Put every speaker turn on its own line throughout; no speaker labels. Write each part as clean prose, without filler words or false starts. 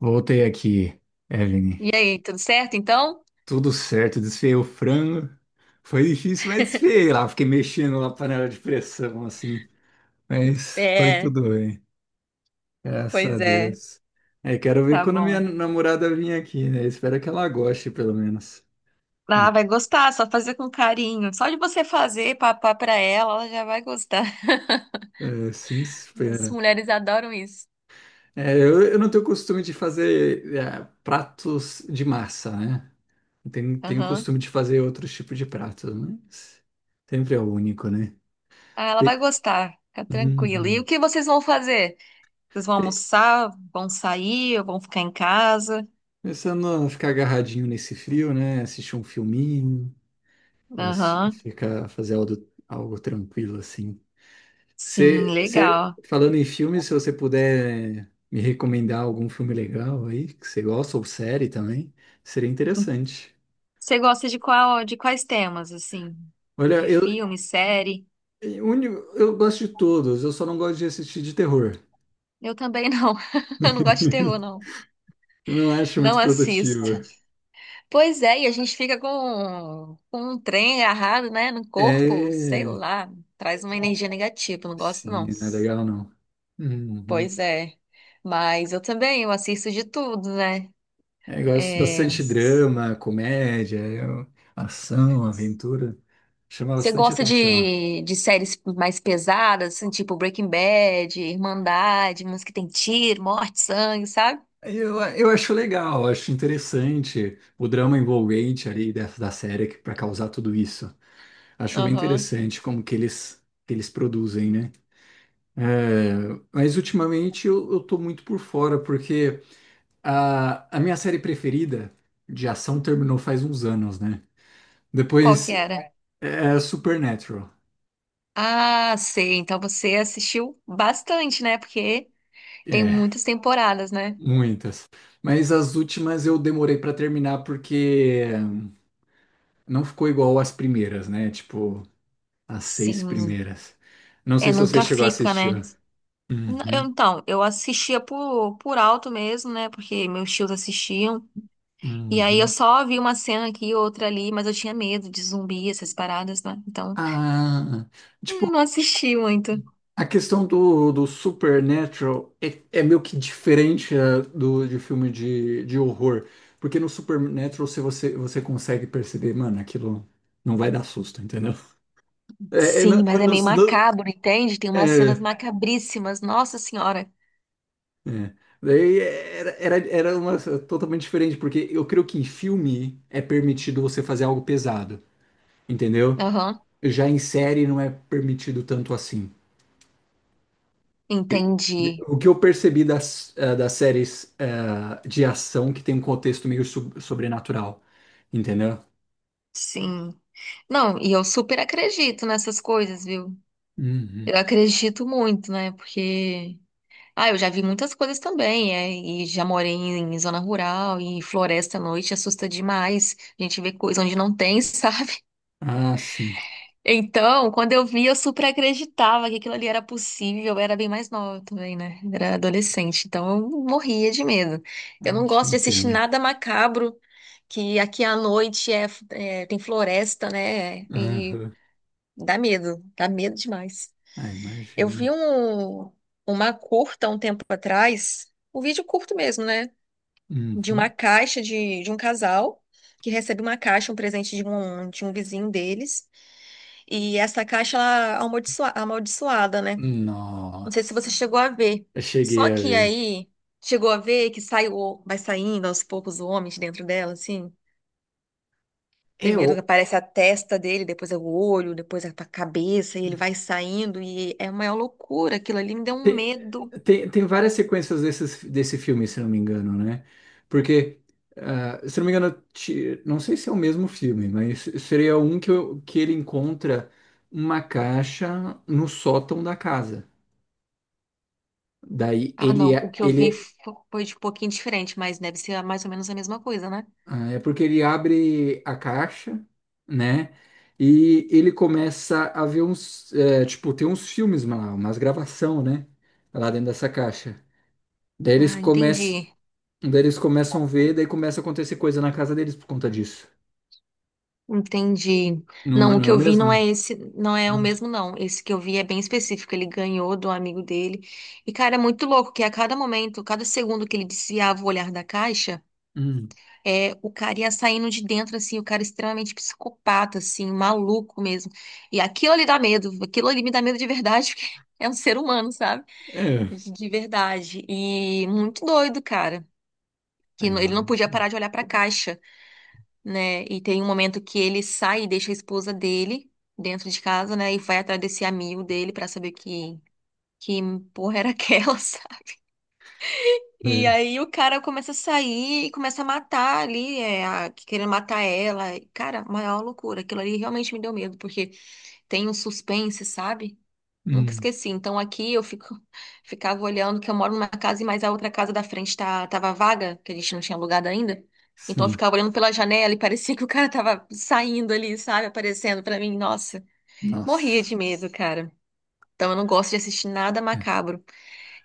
Voltei aqui, Evelyn.
E aí, tudo certo então?
Tudo certo, desfiei o frango. Foi difícil, mas desfiei lá. Fiquei mexendo na panela de pressão, assim. Mas foi
É,
tudo bem. Graças a
pois é.
Deus. É, quero ver
Tá
quando minha
bom.
namorada vir aqui, né? Espero que ela goste, pelo menos.
Ah,
Né?
vai gostar, só fazer com carinho. Só de você fazer papá pra ela, ela já vai gostar.
É, sim,
As
espera.
mulheres adoram isso.
É, eu não tenho costume de fazer pratos de massa, né? Eu tenho
Aham.
costume de fazer outros tipos de pratos, mas sempre é o único, né?
Ah, ela
Pe-
vai gostar, fica tranquila. E o
Uhum.
que vocês vão fazer? Vocês vão
Pe-
almoçar, vão sair, ou vão ficar em casa?
Pensando a ficar agarradinho nesse frio, né? Assistir um filminho,
Aham.
ficar, fazer algo, algo tranquilo assim.
Sim, legal.
Falando em filme, se você puder me recomendar algum filme legal aí, que você gosta, ou série também, seria interessante.
Você gosta de qual, de quais temas, assim?
Olha,
De filme, série?
eu, uni- eu gosto de todos, eu só não gosto de assistir de terror.
Eu também não. Eu não gosto de terror, não.
Eu não acho
Não
muito
assisto.
produtivo.
Pois é, e a gente fica com um trem agarrado, né, no corpo, sei
É,
lá, traz uma energia negativa, não gosto não.
sim, não é legal não. Uhum.
Pois é, mas eu também, eu assisto de tudo, né?
É, eu gosto
É,
bastante de drama, comédia, ação, aventura. Chama
você
bastante
gosta
atenção.
de séries mais pesadas, assim, tipo Breaking Bad, Irmandade, umas que tem tiro, morte, sangue, sabe?
Eu acho legal, acho interessante o drama envolvente ali da série para causar tudo isso. Acho bem
Aham.
interessante como que eles produzem, né? É, mas ultimamente eu tô muito por fora, porque a minha série preferida de ação terminou faz uns anos, né?
Qual
Depois
que era?
é Supernatural.
Ah, sei, então você assistiu bastante, né? Porque tem
É.
muitas temporadas, né?
Muitas. Mas as últimas eu demorei pra terminar porque não ficou igual às primeiras, né? Tipo, as seis
Sim.
primeiras. Não
É,
sei se você
nunca
chegou a
fica, né?
assistir.
N- eu-
Uhum,
então, eu assistia por alto mesmo, né? Porque meus tios assistiam. E aí eu
uhum.
só vi uma cena aqui e outra ali, mas eu tinha medo de zumbi, essas paradas, né? Então,
Ah, tipo,
eu não assisti muito.
a questão do Supernatural é, é meio que diferente do de filme de horror. Porque no Supernatural se você consegue perceber, mano, aquilo não vai dar susto, entendeu? É, é, não-
Sim, mas
eu
é
não-
meio
não-
macabro, entende? Tem umas cenas
é,
macabríssimas, nossa senhora.
É. Daí era uma totalmente diferente, porque eu creio que em filme é permitido você fazer algo pesado, entendeu?
Aham,
Já em série não é permitido tanto assim.
entendi.
O que eu percebi das, das séries de ação que tem um contexto meio sobrenatural, entendeu?
Sim. Não, e eu super acredito nessas coisas, viu?
Uhum.
Eu acredito muito, né? Porque ah, eu já vi muitas coisas também, é, e já morei em zona rural e floresta à noite assusta demais. A gente vê coisa onde não tem, sabe?
Ah, sim.
Então, quando eu vi, eu super acreditava que aquilo ali era possível. Eu era bem mais nova também, né? Era adolescente, então eu morria de medo. Eu
Ah,
não
te
gosto de assistir
entendo.
nada macabro, que aqui à noite é, tem floresta, né? E
Aham.
dá medo demais.
Ah,
Eu
imagino.
vi uma curta um tempo atrás, um vídeo curto mesmo, né? De uma
Uhum.
caixa de um casal que recebe uma caixa, um presente de um vizinho deles. E essa caixa, ela é amaldiçoada, né? Não sei se
Nossa,
você chegou a ver.
eu cheguei
Só
a
que
ver.
aí, chegou a ver que vai saindo aos poucos o homem de dentro dela, assim.
É,
Primeiro aparece a testa dele, depois é o olho, depois é a cabeça, e ele vai saindo, e é uma loucura aquilo ali, me deu um
Tem,
medo.
tem várias sequências desses, desse filme, se não me engano, né? Porque, ah, se não me engano, não sei se é o mesmo filme, mas seria um que, que ele encontra uma caixa no sótão da casa. Daí
Ah,
ele,
não. O
é,
que eu vi
ele,
foi de um pouquinho diferente, mas deve ser mais ou menos a mesma coisa, né?
ah, É porque ele abre a caixa, né? E ele começa a ver uns, tipo, tem uns filmes lá, umas gravação, né? Lá dentro dessa caixa. Daí eles
Ah,
começam.
entendi.
Daí eles começam a ver, daí começa a acontecer coisa na casa deles por conta disso.
Entendi.
Não,
Não, o
não é
que
o
eu vi não
mesmo?
é esse, não é o
Não.
mesmo, não. Esse que eu vi é bem específico. Ele ganhou do amigo dele. E, cara, é muito louco que a cada momento, cada segundo que ele desviava o olhar da caixa,
Hum.
é, o cara ia saindo de dentro, assim, o cara extremamente psicopata, assim, maluco mesmo. E aquilo ali dá medo. Aquilo ali me dá medo de verdade, porque é um ser humano, sabe?
É.
De verdade. E muito doido, cara.
A
Que ele não podia
imagem.
parar de olhar para a caixa, né? E tem um momento que ele sai e deixa a esposa dele dentro de casa, né? E vai atrás desse amigo dele para saber que porra era aquela, sabe? E
É.
aí o cara começa a sair e começa a matar ali, querendo matar ela. E, cara, maior loucura. Aquilo ali realmente me deu medo, porque tem um suspense, sabe? Nunca
Hum.
esqueci. Então aqui eu fico, ficava olhando que eu moro numa casa, mas a outra casa da frente tava vaga, que a gente não tinha alugado ainda. Então eu
Sim.
ficava olhando pela janela e parecia que o cara tava saindo ali, sabe? Aparecendo pra mim. Nossa, morria
Nossa.
de medo, cara. Então eu não gosto de assistir nada
É.
macabro.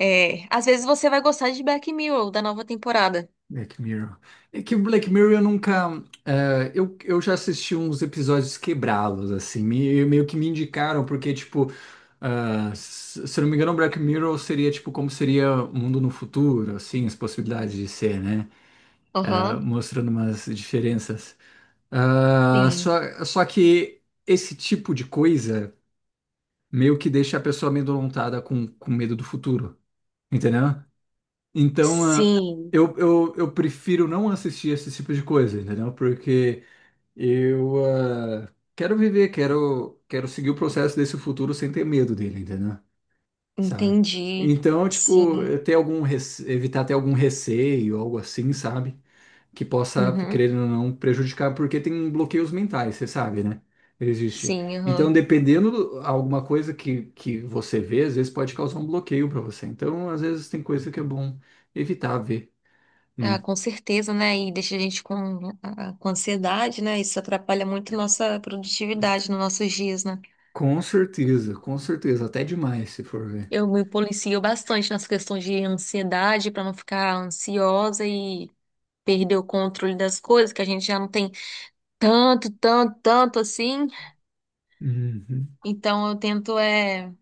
É, às vezes você vai gostar de Black Mirror, da nova temporada.
Black Mirror. É que o Black Mirror eu nunca. É, eu já assisti uns episódios quebrá-los, assim. Meio que me indicaram, porque, tipo. Ah, se eu não me engano, Black Mirror seria tipo como seria o mundo no futuro, assim, as possibilidades de ser, né? Ah,
Aham.
mostrando umas diferenças. Ah,
Sim.
só que esse tipo de coisa meio que deixa a pessoa amedrontada com medo do futuro, entendeu? Então, ah,
Sim,
eu prefiro não assistir esse tipo de coisa, entendeu? Porque eu ah, quero viver, quero seguir o processo desse futuro sem ter medo dele, entendeu? Sabe?
entendi.
Então, tipo,
Sim.
ter evitar ter algum receio, algo assim, sabe? Que possa,
Uhum.
querendo ou não, prejudicar, porque tem bloqueios mentais, você sabe, né? Existe.
Sim,
Então,
aham.
dependendo alguma coisa que você vê, às vezes pode causar um bloqueio para você. Então, às vezes tem coisa que é bom evitar ver,
Ah,
né?
com certeza, né? E deixa a gente com ansiedade, né? Isso atrapalha muito nossa produtividade nos nossos dias, né?
Com certeza, até demais se for ver.
Eu me policio bastante nas questões de ansiedade para não ficar ansiosa e perder o controle das coisas, que a gente já não tem tanto, tanto, tanto assim.
Uhum,
Então eu tento é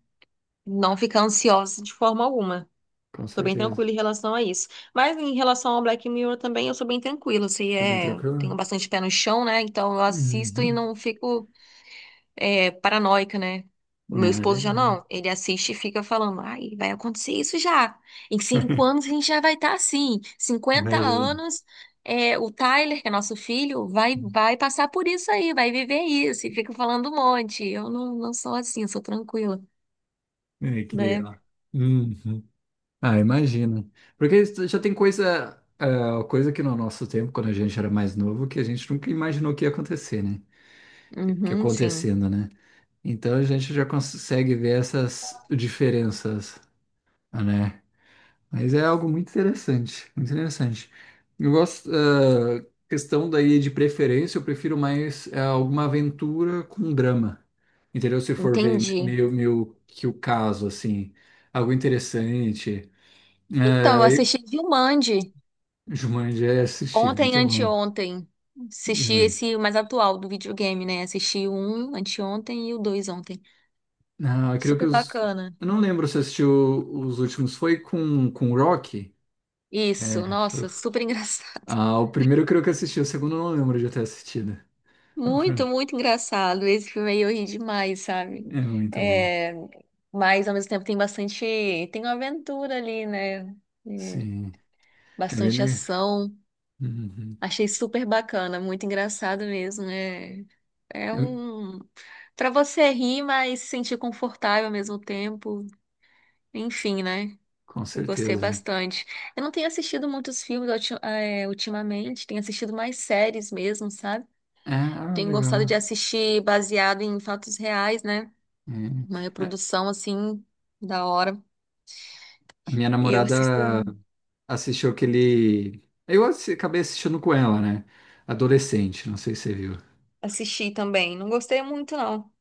não ficar ansiosa de forma alguma.
com
Tô bem
certeza.
tranquila em relação a isso. Mas em relação ao Black Mirror também, eu sou bem tranquila. Assim,
Tá bem
é...
tranquilo?
Tenho bastante pé no chão, né? Então eu assisto e
Uhum.
não fico paranoica, né? O meu
Ah,
esposo já
legal.
não. Ele assiste e fica falando, ai, vai acontecer isso já. Em 5 anos a gente já vai estar assim, cinquenta
Imagina.
anos, o Tyler, que é nosso filho, vai passar por isso aí, vai viver isso. E fica falando um monte. Eu não sou assim, eu sou tranquila,
É, que
né?
legal. Uhum. Ah, imagino. Porque isso já tem coisa, ah, coisa que no nosso tempo, quando a gente era mais novo, que a gente nunca imaginou que ia acontecer, né? Que
Uhum, sim.
acontecendo, né? Então a gente já consegue ver essas diferenças, né? Mas é algo muito interessante, muito interessante. Eu gosto, ah, questão daí de preferência, eu prefiro mais ah, alguma aventura com drama, entendeu? Se for ver
Entendi.
meio, meio que o caso, assim, algo interessante.
Então, eu
É,
assisti Jumanji
Jumanji, é, assisti,
ontem,
muito bom.
anteontem. Assisti
Jumanji.
esse mais atual do videogame, né? Assisti o um anteontem e o dois ontem.
Ah, eu creio que
Super
os.
bacana.
Eu não lembro se assistiu os últimos. Foi com o Rock? É,
Isso,
foi.
nossa, super engraçado.
Ah, o primeiro eu creio que assisti, o segundo eu não lembro de ter assistido. Ah,
Muito,
foi-
muito engraçado. Esse filme aí eu ri demais, sabe?
É muito bom.
É, mas ao mesmo tempo tem uma aventura ali, né? É,
Sim. É bem
bastante
le-
ação.
Uhum.
Achei super bacana, muito engraçado mesmo. É,
Eu-
um para você rir, mas se sentir confortável ao mesmo tempo. Enfim, né?
Com
Eu gostei
certeza.
bastante. Eu não tenho assistido muitos filmes ultimamente, tenho assistido mais séries mesmo, sabe?
É, ah,
Tenho gostado
legal.
de assistir baseado em fatos reais, né?
É.
Uma reprodução assim da hora.
A minha
E eu
namorada assistiu aquele. Acabei assistindo com ela, né? Adolescente, não sei se você viu.
assisti também. Não gostei muito, não.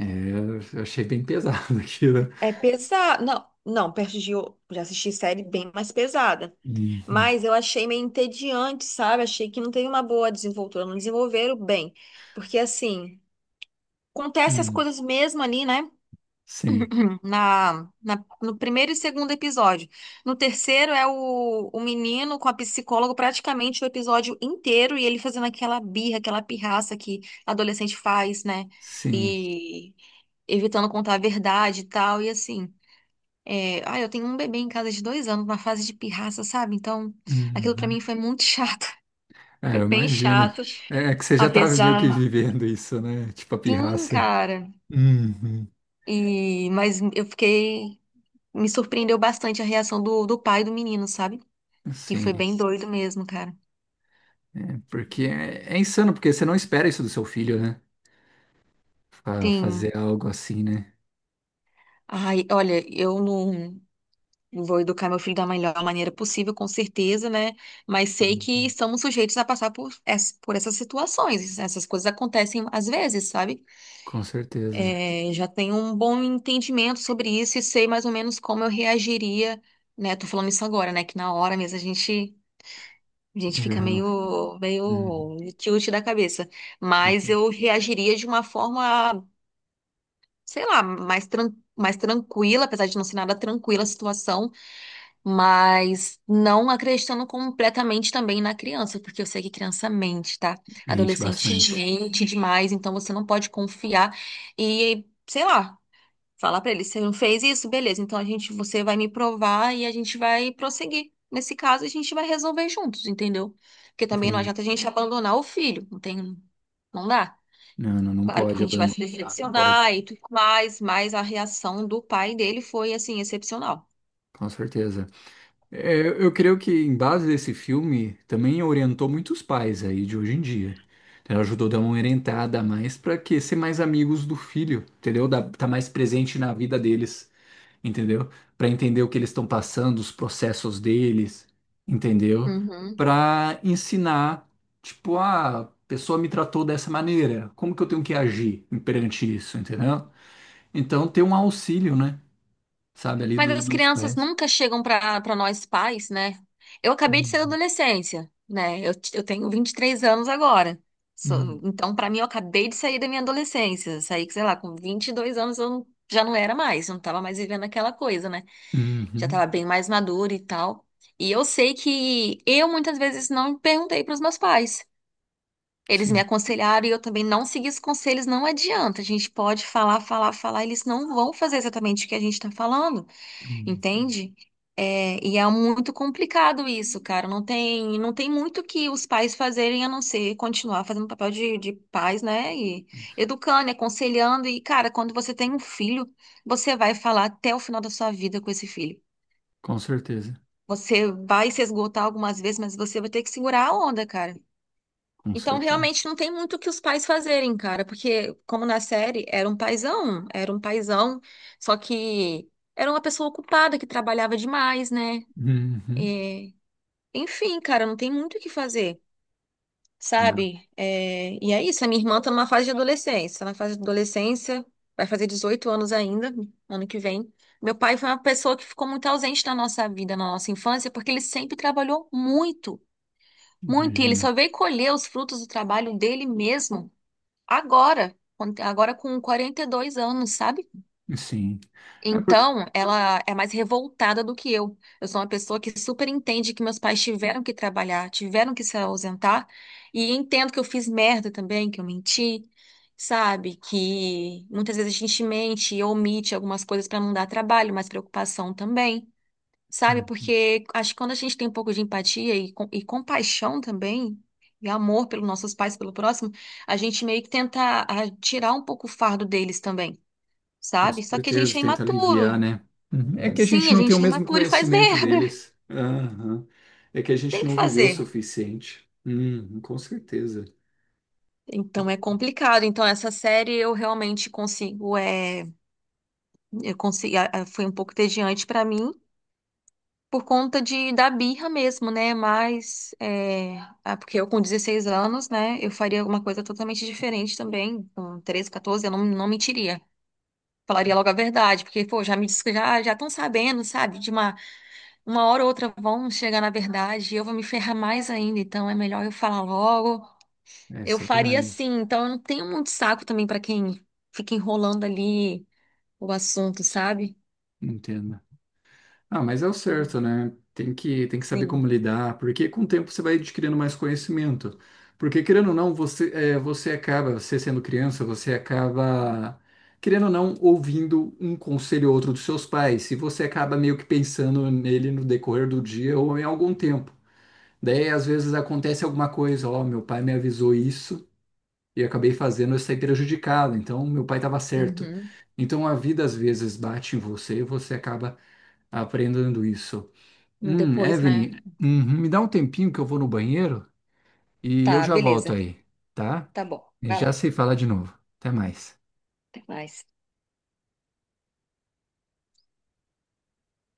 Eu achei bem pesado aquilo.
É pesado. Não, não, perto de. Já assisti série bem mais pesada.
Uhum.
Mas eu achei meio entediante, sabe? Achei que não teve uma boa desenvoltura. Não desenvolveram bem. Porque, assim, acontece as
Hum,
coisas mesmo ali, né?
sim,
No primeiro e segundo episódio. No terceiro é o menino com a psicóloga praticamente o episódio inteiro e ele fazendo aquela birra, aquela pirraça que adolescente faz, né?
sim.
E evitando contar a verdade e tal. E assim, eu tenho um bebê em casa de 2 anos, na fase de pirraça, sabe? Então, aquilo pra
Uhum.
mim foi muito chato.
É,
Foi
eu
bem
imagino.
chato.
É é que você já estava meio que
Apesar.
vivendo isso, né? Tipo a
Sim,
pirraça.
cara.
Uhum.
E, mas eu fiquei. Me surpreendeu bastante a reação do pai do menino, sabe? Que foi
Sim,
bem doido mesmo, cara.
é porque é insano, porque você não espera isso do seu filho, né?
Sim.
Fazer algo assim, né?
Ai, olha, eu não vou educar meu filho da melhor maneira possível, com certeza, né? Mas sei que estamos sujeitos a passar por essas situações. Essas coisas acontecem às vezes, sabe?
Com certeza.
É, já tenho um bom entendimento sobre isso e sei mais ou menos como eu reagiria, né? Tô falando isso agora, né? Que na hora mesmo a gente fica
Uhum.
meio,
Uhum.
meio tilt da cabeça.
Com
Mas
certeza.
eu reagiria de uma forma, sei lá, mais tranquila, apesar de não ser nada tranquila a situação, mas não acreditando completamente também na criança, porque eu sei que criança mente, tá?
Mente
Adolescente
bastante.
mente demais, então você não pode confiar. E, sei lá. Falar pra ele, você não fez isso? Beleza, então você vai me provar e a gente vai prosseguir. Nesse caso, a gente vai resolver juntos, entendeu? Porque também não
Entendi.
adianta a gente abandonar o filho, não tem, não dá.
Não, não, não
Claro que a
pode
gente vai
abandonar.
se
Não pode.
decepcionar e tudo mais, mas a reação do pai dele foi assim, excepcional.
Com certeza. É, eu creio que em base desse filme também orientou muitos pais aí de hoje em dia. Ela ajudou a dar uma orientada a mais para que ser mais amigos do filho, entendeu? Tá mais presente na vida deles, entendeu? Para entender o que eles estão passando, os processos deles, entendeu?
Uhum.
Para ensinar, tipo, ah, a pessoa me tratou dessa maneira, como que eu tenho que agir perante isso, entendeu? Então ter um auxílio, né? Sabe, ali
Mas as
dos
crianças
pais.
nunca chegam para nós pais, né? Eu acabei de sair da
Uhum.
adolescência, né? Eu tenho 23 anos agora.
Uhum.
Então, para mim, eu acabei de sair da minha adolescência. Saí, sei lá, com 22 anos eu não- já não era mais, eu não estava mais vivendo aquela coisa, né? Já
Uhum.
estava bem mais madura e tal. E eu sei que eu muitas vezes não perguntei para os meus pais. Eles me
Sim,
aconselharam e eu também não segui os conselhos, não adianta. A gente pode falar, falar, falar, eles não vão fazer exatamente o que a gente está falando.
uhum.
Entende? É, e é muito complicado isso, cara. Não tem muito que os pais fazerem a não ser continuar fazendo o papel de pais, né? E educando, e aconselhando. E, cara, quando você tem um filho, você vai falar até o final da sua vida com esse filho.
Com certeza,
Você vai se esgotar algumas vezes, mas você vai ter que segurar a onda, cara.
com
Então,
certeza.
realmente, não tem muito o que os pais fazerem, cara, porque, como na série, era um paizão, só que era uma pessoa ocupada que trabalhava demais, né?
Uhum.
É, enfim, cara, não tem muito o que fazer,
Né?
sabe? É, e é isso, a minha irmã tá numa fase de adolescência. Tá na fase de adolescência, vai fazer 18 anos ainda, ano que vem. Meu pai foi uma pessoa que ficou muito ausente na nossa vida, na nossa infância, porque ele sempre trabalhou muito, muito. E ele
Imagina.
só veio colher os frutos do trabalho dele mesmo agora, agora com 42 anos, sabe?
Sim. É por...
Então, ela é mais revoltada do que eu. Eu sou uma pessoa que super entende que meus pais tiveram que trabalhar, tiveram que se ausentar, e entendo que eu fiz merda também, que eu menti, sabe? Que muitas vezes a gente mente e omite algumas coisas para não dar trabalho, mas preocupação também, sabe?
Hum.
Porque acho que quando a gente tem um pouco de empatia e compaixão também, e amor pelos nossos pais, pelo próximo, a gente meio que tenta tirar um pouco o fardo deles também,
Com
sabe? Só que a
certeza,
gente é
tenta aliviar,
imaturo,
né? Uhum. É que a gente
sim, a
não tem o
gente é
mesmo
imaturo e faz
conhecimento
merda.
deles. Aham. É que a
Tem
gente
que
não viveu o
fazer.
suficiente. Uhum, com certeza.
Então é complicado. Então essa série eu realmente consigo, é, eu consigo, a- foi um pouco entediante pra mim por conta de da birra mesmo, né? Mas porque eu com 16 anos, né, eu faria alguma coisa totalmente diferente também. Com 13 14, eu não mentiria. Falaria logo a verdade, porque pô, já já estão sabendo, sabe? De uma hora ou outra vão chegar na verdade e eu vou me ferrar mais ainda. Então é melhor eu falar logo. Eu
Essa é a
faria
verdade.
assim, então eu não tenho muito saco também pra quem fica enrolando ali o assunto, sabe?
Entendo. Ah, mas é o certo, né? Tem que saber como
Sim.
lidar, porque com o tempo você vai adquirindo mais conhecimento. Porque, querendo ou não, você sendo criança, você acaba, querendo ou não, ouvindo um conselho ou outro dos seus pais, e você acaba meio que pensando nele no decorrer do dia ou em algum tempo. Daí, às vezes, acontece alguma coisa, ó, meu pai me avisou isso e eu acabei fazendo, eu saí prejudicado, então meu pai estava certo.
Uhum.
Então a vida às vezes bate em você e você acaba aprendendo isso.
E depois, né?
Evelyn, uhum, me dá um tempinho que eu vou no banheiro e eu
Tá,
já volto
beleza.
aí, tá?
Tá bom.
E
Vai
já
lá,
sei falar de novo. Até mais.
até mais.